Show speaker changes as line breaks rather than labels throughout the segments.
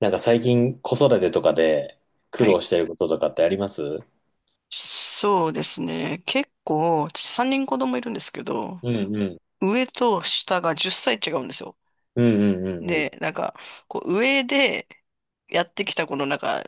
なんか最近子育てとかで苦
は
労
い。
してることとかってありますう
そうですね。結構、私3人子供いるんですけど、
んうん。
上と下が10歳違うんですよ。
うんうんうんう
で、
ん。
なんか、こう上でやってきたこのなんか、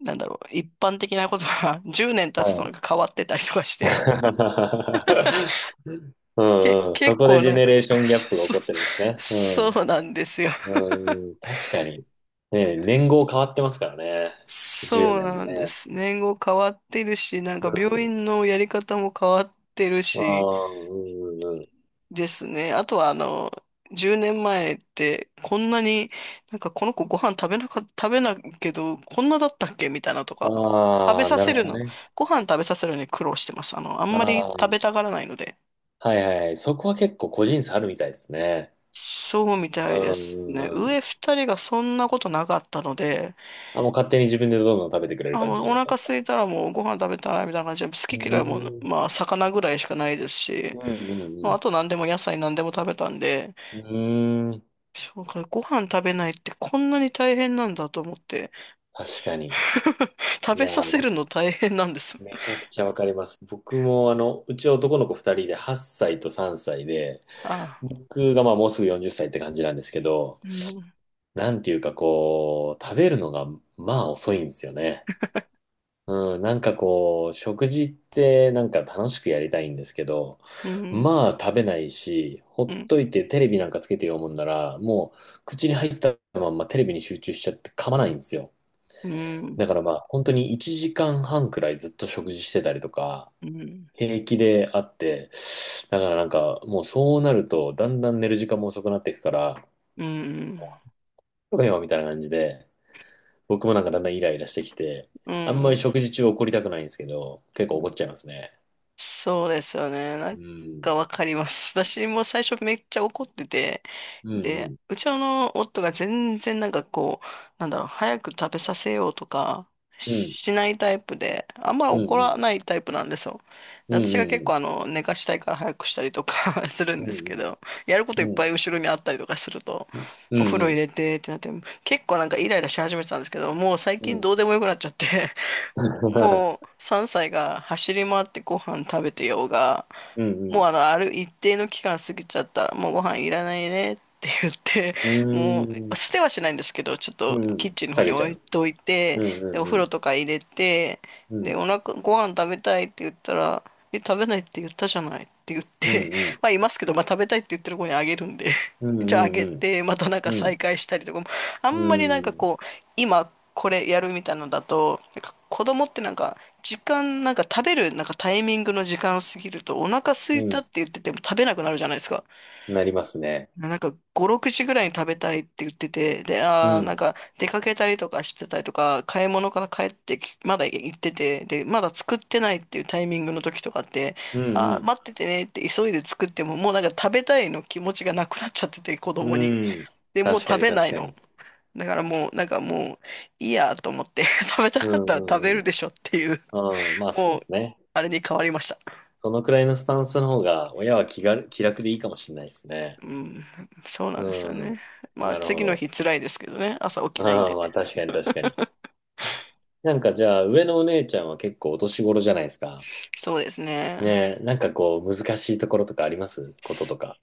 なんだろう、一般的なことが 10年経
は
つとな
い。
んか変わってたりとかして、
う んうん。そ
結
こで
構
ジェ
なん
ネ
か
レーシ ョンギャップが起
そう、
こってるんですね。うん。うん
そうなんですよ。
うん確かに。ね、年号変わってますからね。10
そう
年でね
な
ん
ん
も
で
ね。
す。年号変わってるし、なんか病院のやり方も変わってる
うん。あ
し、
あ、うんうんうん。
ですね。あとは、10年前って、こんなに、なんかこの子ご飯食べないけど、こんなだったっけみたいなとか、食べ
ああ、
さ
な
せ
るほ
る
ど
の、
ね。
ご飯食べさせるのに苦労してます。あんまり
あ
食べ
あ。
たがらないので。
はいはいはい。そこは結構個人差あるみたいですね。
そうみ
う
たいです
んう
ね。
んうん。
上二人がそんなことなかったので、
あ、もう勝手に自分でどんどん食べてくれる
あ、
感
もう
じ
お
だったん
腹
ですか？
空いたらもうご飯食べたいみたいな感じで、
う
好き嫌いも、
ーん、
まあ、魚ぐらいしかないですし、
うん、うん、
ま
う
あ、
ん。
あと何でも野菜何でも食べたんで、
うーん、
そうか、ご飯食べないってこんなに大変なんだと思って。
確かに。
食
い
べ
や
さ
ー、
せ
わ
るの大変なんです。
めちゃくちゃわかります。僕も、うち男の子2人で8歳と3歳で、
ああ。
僕がまあもうすぐ40歳っさいって感じなんですけど、
うん、
なんていうかこう、食べるのがまあ遅いんですよね。うん、なんかこう、食事ってなんか楽しくやりたいんですけど、
うん、
まあ食べないし、ほ
う
っ
ん、
といてテレビなんかつけて読むんなら、もう口に入ったまんまテレビに集中しちゃって噛まないんですよ。
うん、
だからまあ、本当に1時間半くらいずっと食事してたりとか、
うん、うん、
平気であって、だからなんか、もうそうなると、だんだん寝る時間も遅くなっていくから、
うん。
とか今みたいな感じで、僕もなんかだんだんイライラしてきて、
う
あんまり
ん
食事中怒りたくないんですけど、結構怒っちゃいますね。
そうですよね。なん
うん。
かわかります。私も最初めっちゃ怒ってて、
う
で、
ん、
うちの夫が全然なんかこう、なんだろう、早く食べさせようとか
うん、うん、
しないタイプで、あんま
う
怒ら
ん、
ないタイプなんですよ。で
うん、う
私が結
ん、う
構
ん、
寝かしたいから早くしたりとか する
う
んです
ん、
けど、やるこ
う
とい
ん、
っ
うん、
ぱい後ろにあったりとかすると、
う
お風呂入
ん、
れてってなって、結構なんかイライラし始めてたんですけど、もう最
うん、う
近
ん、
どうでもよくなっちゃってもう3歳が走り回ってご飯食べてようが、
う
もう
ん、
ある一定の期間過ぎちゃったら、もうご飯いらないねって言って、
う
も
ん、う
う
ん、
捨てはしないんですけど、ちょっ
う
とキッ
ん
チンの方
下
に
げちゃ
置い
う。
とい
う
て、で、お
ん、う
風
ん、
呂とか入れて、
うん、う
で、
ん、
ご飯食べたいって言ったら、え、食べないって言ったじゃないって言っ
うん、
て、
うん、
まあいますけど、まあ食べたいって言ってる子にあげるんで、
うん う
じゃああげ
ん
て、またなん
う
か
ん。う
再
ん。
会したりとかも、あ
う
んまりなんか
ん。
こう、今これやるみたいなのだと、なんか子供ってなんか、時間、なんか食べる、なんかタイミングの時間過ぎると、お腹空
う
いたっ
ん
て言ってても食べなくなるじゃないですか。
なりますね。
なんか5、6時ぐらいに食べたいって言ってて、で、
う
なん
ん。
か出かけたりとかしてたりとか、買い物から帰ってき、まだ行ってて、で、まだ作ってないっていうタイミングの時とかって、
うん
あー
う
待っててねって急いで作っても、もうなんか食べたいの気持ちがなくなっちゃってて、子
ん。
供に。
うん。
で、もう
確か
食
に
べな
確
い
か
の。
に。
だからもう、なんかもう、いいやと思って、食べた
う
かっ
ん
たら
う
食べ
んう
る
ん。
でしょっていう、
うん。まあ
も
そ
う、
うね。
あれに変わりました。
そのくらいのスタンスの方が、親は気が、気楽でいいかもしれないですね。
うん、そうなんですよ
うん。
ね。まあ、
なるほ
次の
ど。
日辛いですけどね、朝起きないん
ああ
で。
まあ確かに確かに。なんかじゃあ、上のお姉ちゃんは結構お年頃じゃないですか。
そうですね。
ねえ、なんかこう、難しいところとかありますこととか。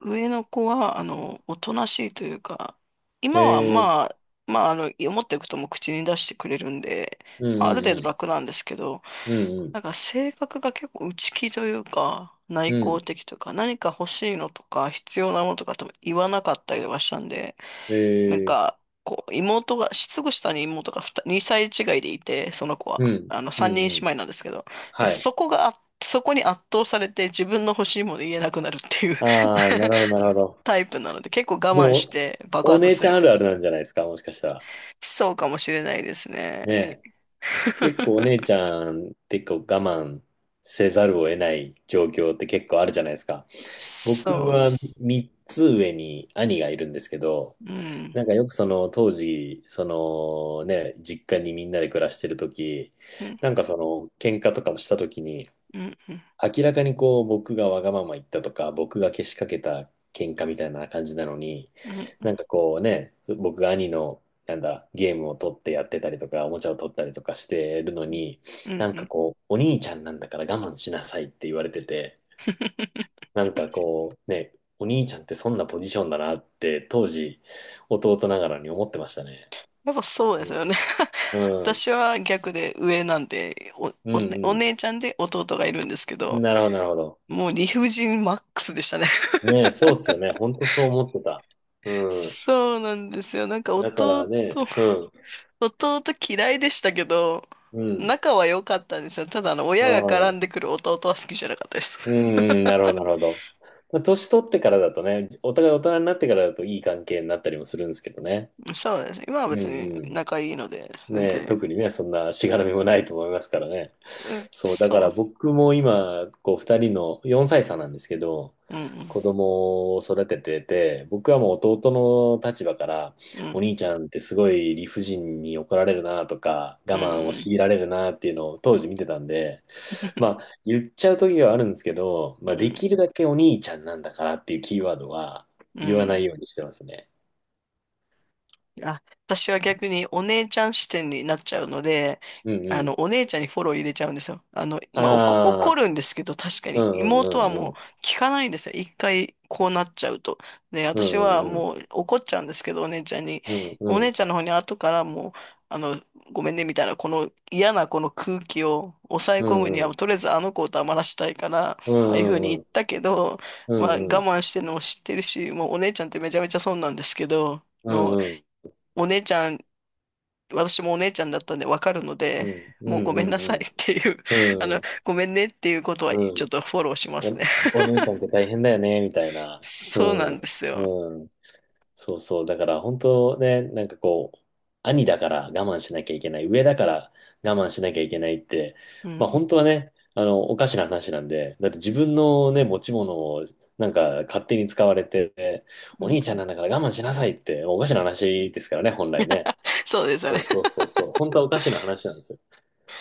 上の子は、おとなしいというか、今は
え
ま
え
あ、まあ、思ってることも口に出してくれるんで、
うん
まあある程
う
度
ん
楽なんですけど、
うん。うん
なんか性格が結構内気というか、
う
内
ん。
向的というか、何か欲しいのとか、必要なものとかとも言わなかったりとかしたんで、
う
なん
ん。ええ
か、こう、すぐ下に妹が2、歳違いでいて、その子
う
は、
ん、う
3人
ん、
姉
うん。
妹なんですけど、で
はい。
そこがあ、そこに圧倒されて自分の欲しいもの言えなくなるっていう
ああ、なるほど、なるほ ど。
タイプなので、結構我
で
慢し
も、
て爆
お
発
姉
す
ちゃん
る。
あるあるなんじゃないですか、もしかしたら。
そうかもしれないですね。
ねえ。結構お姉ち ゃんってこう我慢せざるを得ない状況って結構あるじゃないですか。僕
そうで
は
す。
3つ上に兄がいるんですけど、
うん。
なんかよくその当時、そのね、実家にみんなで暮らしてる時、
うん。
なんかその喧嘩とかもした時に、
うん。うん
明らかにこう僕がわがまま言ったとか僕がけしかけた喧嘩みたいな感じなのに、
うんう
な
ん
んかこうね、僕が兄のなんだゲームを取ってやってたりとかおもちゃを取ったりとかしてるのに、
う
な
ん
ん
う
か
ん
こうお兄ちゃんなんだから我慢しなさいって言われてて、なんかこうね、お兄ちゃんってそんなポジションだなって当時弟ながらに思ってましたね。
やっぱそう
う
ですよね。
ん。うん。
私は逆で上なんで、
う
お、お
ん
姉ちゃんで弟がいるんですけ
うん。
ど、
なるほど、なるほど。
もう理不尽マックスでしたね。
ねえ、そうっすよね。ほんとそう思ってた。うん。
そうなんですよ。なんか
だからね、うん、
弟嫌いでしたけど、
うん、
仲は良かったんですよ。ただ
あ
親が絡
あ、
んでくる弟は好きじゃなかったです。
うん、うん、なるほど、なるほど。まあ、年取ってからだとね、お互い大人になってからだといい関係になったりもするんですけどね。
そうです。今は
うん、
別に
う
仲いいので、
ん。
全
ねえ、
然、
特にね、そんなしがらみもないと思いますからね。
うん、
そう、だから
そ
僕も今、こう、二人の4歳差なんですけど、
う。うん、
子供を育ててて、僕はもう弟の立場から、
う
お
ん、
兄ちゃんってすごい理不尽に怒られるなとか、我
うん、う
慢を強
ん、
いられるなっていうのを当時見てたんで、まあ、言っちゃう時はあるんですけど、
う
まあ、
ん、う
でき
ん。
るだけお兄ちゃんなんだからっていうキーワードは
う
言わな
ん
いようにしてますね。
あ、私は逆にお姉ちゃん視点になっちゃうので、
うんうん。
お姉ちゃんにフォロー入れちゃうんですよ。まあ、怒
ああ、
るんですけど、確か
う
に。
ん
妹は
うんう
もう
ん
聞かないんですよ。一回こうなっちゃうと。で、
う
私
んう
は
んうん。
もう怒っちゃうんですけど、お姉ちゃんに。
うんう
お姉
ん。
ちゃんの方に後からもう、あの、ごめんね、みたいな、この嫌なこの空気を抑え
う
込むに
んう
は、
ん。
とりあえずあの子を黙らしたいから、あ
う
あいうふうに
ん
言
う
っ
ん。
たけど、
う
まあ、我
んうん。
慢してるのも知ってるし、もうお姉ちゃんってめちゃめちゃ損なんですけど、
う
の
んうん
お姉ちゃん、私もお姉ちゃんだったんでわかるので、もうごめんなさい っていう、
う ん。
ごめんねっていうことは
う
ちょっ
ん。
とフォローしますね。
お、お兄ちゃんって大変だよね、みたい な。
そう
う
なん
ん。
ですよ。
うん。そうそう。だから本当ね、なんかこう、兄だから我慢しなきゃいけない、上だから我慢しなきゃいけないって、
う
まあ本
ん、
当はね、おかしな話なんで、だって自分のね、持ち物をなんか勝手に使われて、
うん、
お
う
兄ちゃん
ん
なんだから我慢しなさいって、おかしな話ですからね、本来ね。
そうですよね。
そう そうそうそう。本当はおかしな話なんですよ。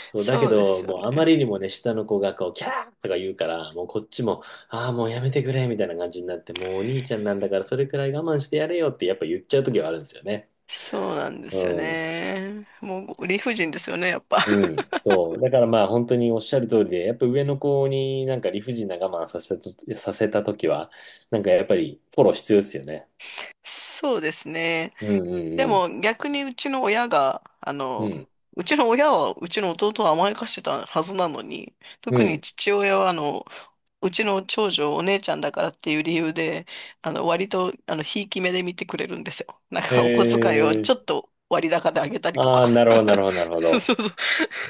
そう、だけ
そうで
ど、
すよ
もうあまり
ね。
にもね、下の子がこう、キャーとか言うから、もうこっちも、ああ、もうやめてくれ、みたいな感じになって、もうお兄ちゃんなんだから、それくらい我慢してやれよって、やっぱ言っちゃう時はあるんですよね。
そうなんで
う
すよ
ん。
ね。もう理不尽ですよね、やっぱ。
うん。そう。だからまあ、本当におっしゃる通りで、やっぱ上の子になんか理不尽な我慢させた、させた時は、なんかやっぱりフォロー必要ですよね。
そうですね。
うん
で
うん
も逆に
うん。うん。
うちの親はうちの弟を甘やかしてたはずなのに、
う
特に
ん。
父親はうちの長女、お姉ちゃんだからっていう理由で、割と、ひいき目で見てくれるんですよ。なんか、お小遣いをちょ
え
っと割高であげたり
ー、
と
ああ、
か。
なるほど、なるほど、なる ほ
そう
ど。
そ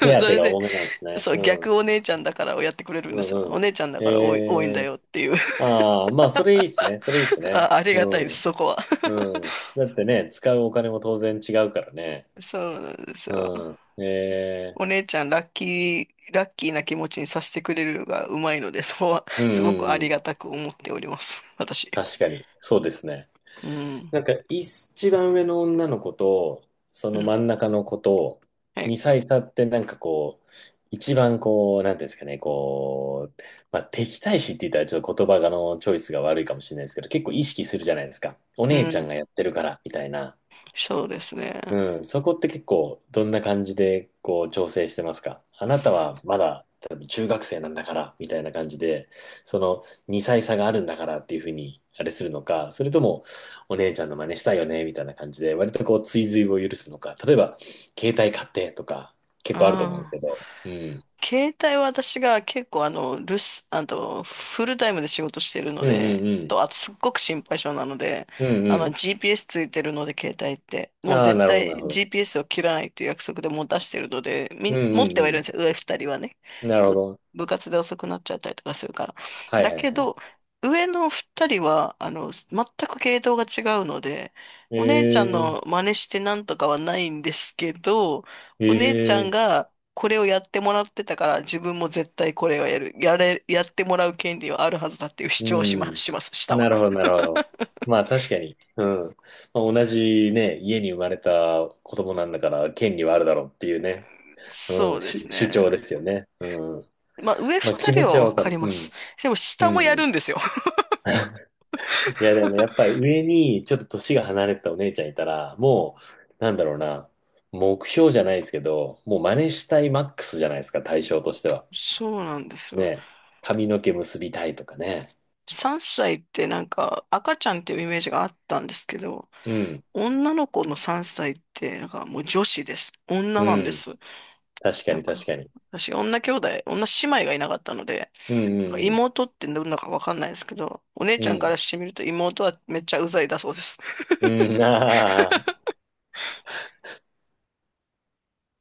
手当
そ
て
れ
が
で、
多めなんですね。
そう、
う
逆
ん。
お姉ちゃんだからをやってくれる
う
んですよ。
ん
お
う
姉ちゃんだ
ん。
から多いんだ
え
よ
ー
っていう。
ああ、まあ、それいいっすね。それいいっす ね。
あり
う
がたいです、
ん。
そこは。
うん。だってね、使うお金も当然違うからね。
そうなんですよ。
うん。え
お
え
姉ちゃん、ラッキーな気持ちにさせてくれるのがうまいので、そこは、
うんう
すごくあ
んう
り
ん。
がたく思っております。私。
確かに。そうですね。
うん。
なんか、一番上の女の子と、そ
う
の
ん。
真ん中の子と、
はい。
2歳差ってなんかこう、一番こう、なんていうんですかね、こう、まあ、敵対視って言ったらちょっと言葉がのチョイスが悪いかもしれないですけど、結構意識するじゃないですか。お姉
う
ちゃ
ん。
んがやってるから、みたいな。
そうですね。
うん、そこって結構どんな感じでこう調整してますか？あなたはまだ多分中学生なんだからみたいな感じで、その2歳差があるんだからっていうふうにあれするのか、それともお姉ちゃんの真似したいよねみたいな感じで割とこう追随を許すのか、例えば携帯買ってとか
あ
結構あると思うんですけ
あ。
ど、うん。
携帯は私が結構あと、フルタイムで仕事してるの
うんう
で、
んうん。
と、あとすっごく心配性なので、
うん
GPS ついてるので、携帯って。
うん。
もう
ああ、
絶
なるほどな
対
るほど。
GPS を切らないっていう約束でもう出してるので、
うん
持ってはい
う
るんです
ん
よ、上二人はね。
うん。なるほ
部、
ど。
部活で遅くなっちゃったりとかするから。
はい
だ
はい
け
はい。
ど、上の二人は、全く系統が違うので、お姉ちゃん
え
の
え
真似してなんとかはないんですけど、お姉ちゃん
ええ
が、これをやってもらってたから自分も絶対これをやる、やれ、やってもらう権利はあるはずだっていう主
う
張を
ん。
します、下は。
なるほど、なるほど。まあ確かに。うん。まあ、同じね、家に生まれた子供なんだから権利はあるだろうっていうね。
そ
う
う
ん。
で
し
す
主張
ね。
ですよね。うん。
まあ上
まあ
二
気
人
持ち
は
は
わ
わか
かり
る。う
ます。
ん。
でも
う
下もやる
ん。
んですよ。
いやでもね、やっぱり上にちょっと年が離れたお姉ちゃんいたら、もう、なんだろうな。目標じゃないですけど、もう真似したいマックスじゃないですか、対象としては。
そうなんですよ。
ね。髪の毛結びたいとかね。
3歳ってなんか赤ちゃんっていうイメージがあったんですけど、
うん。
女の子の3歳ってなんかもう女子です。女
う
なんで
ん。
す。
確か
だ
に
か
確かに。
ら、私女兄弟、女姉妹がいなかったので、
うん
なんか
うん
妹ってどんなかわかんないですけど、お姉
う
ちゃんか
ん。
らしてみると妹はめっちゃうざいだそうです。
うん。あ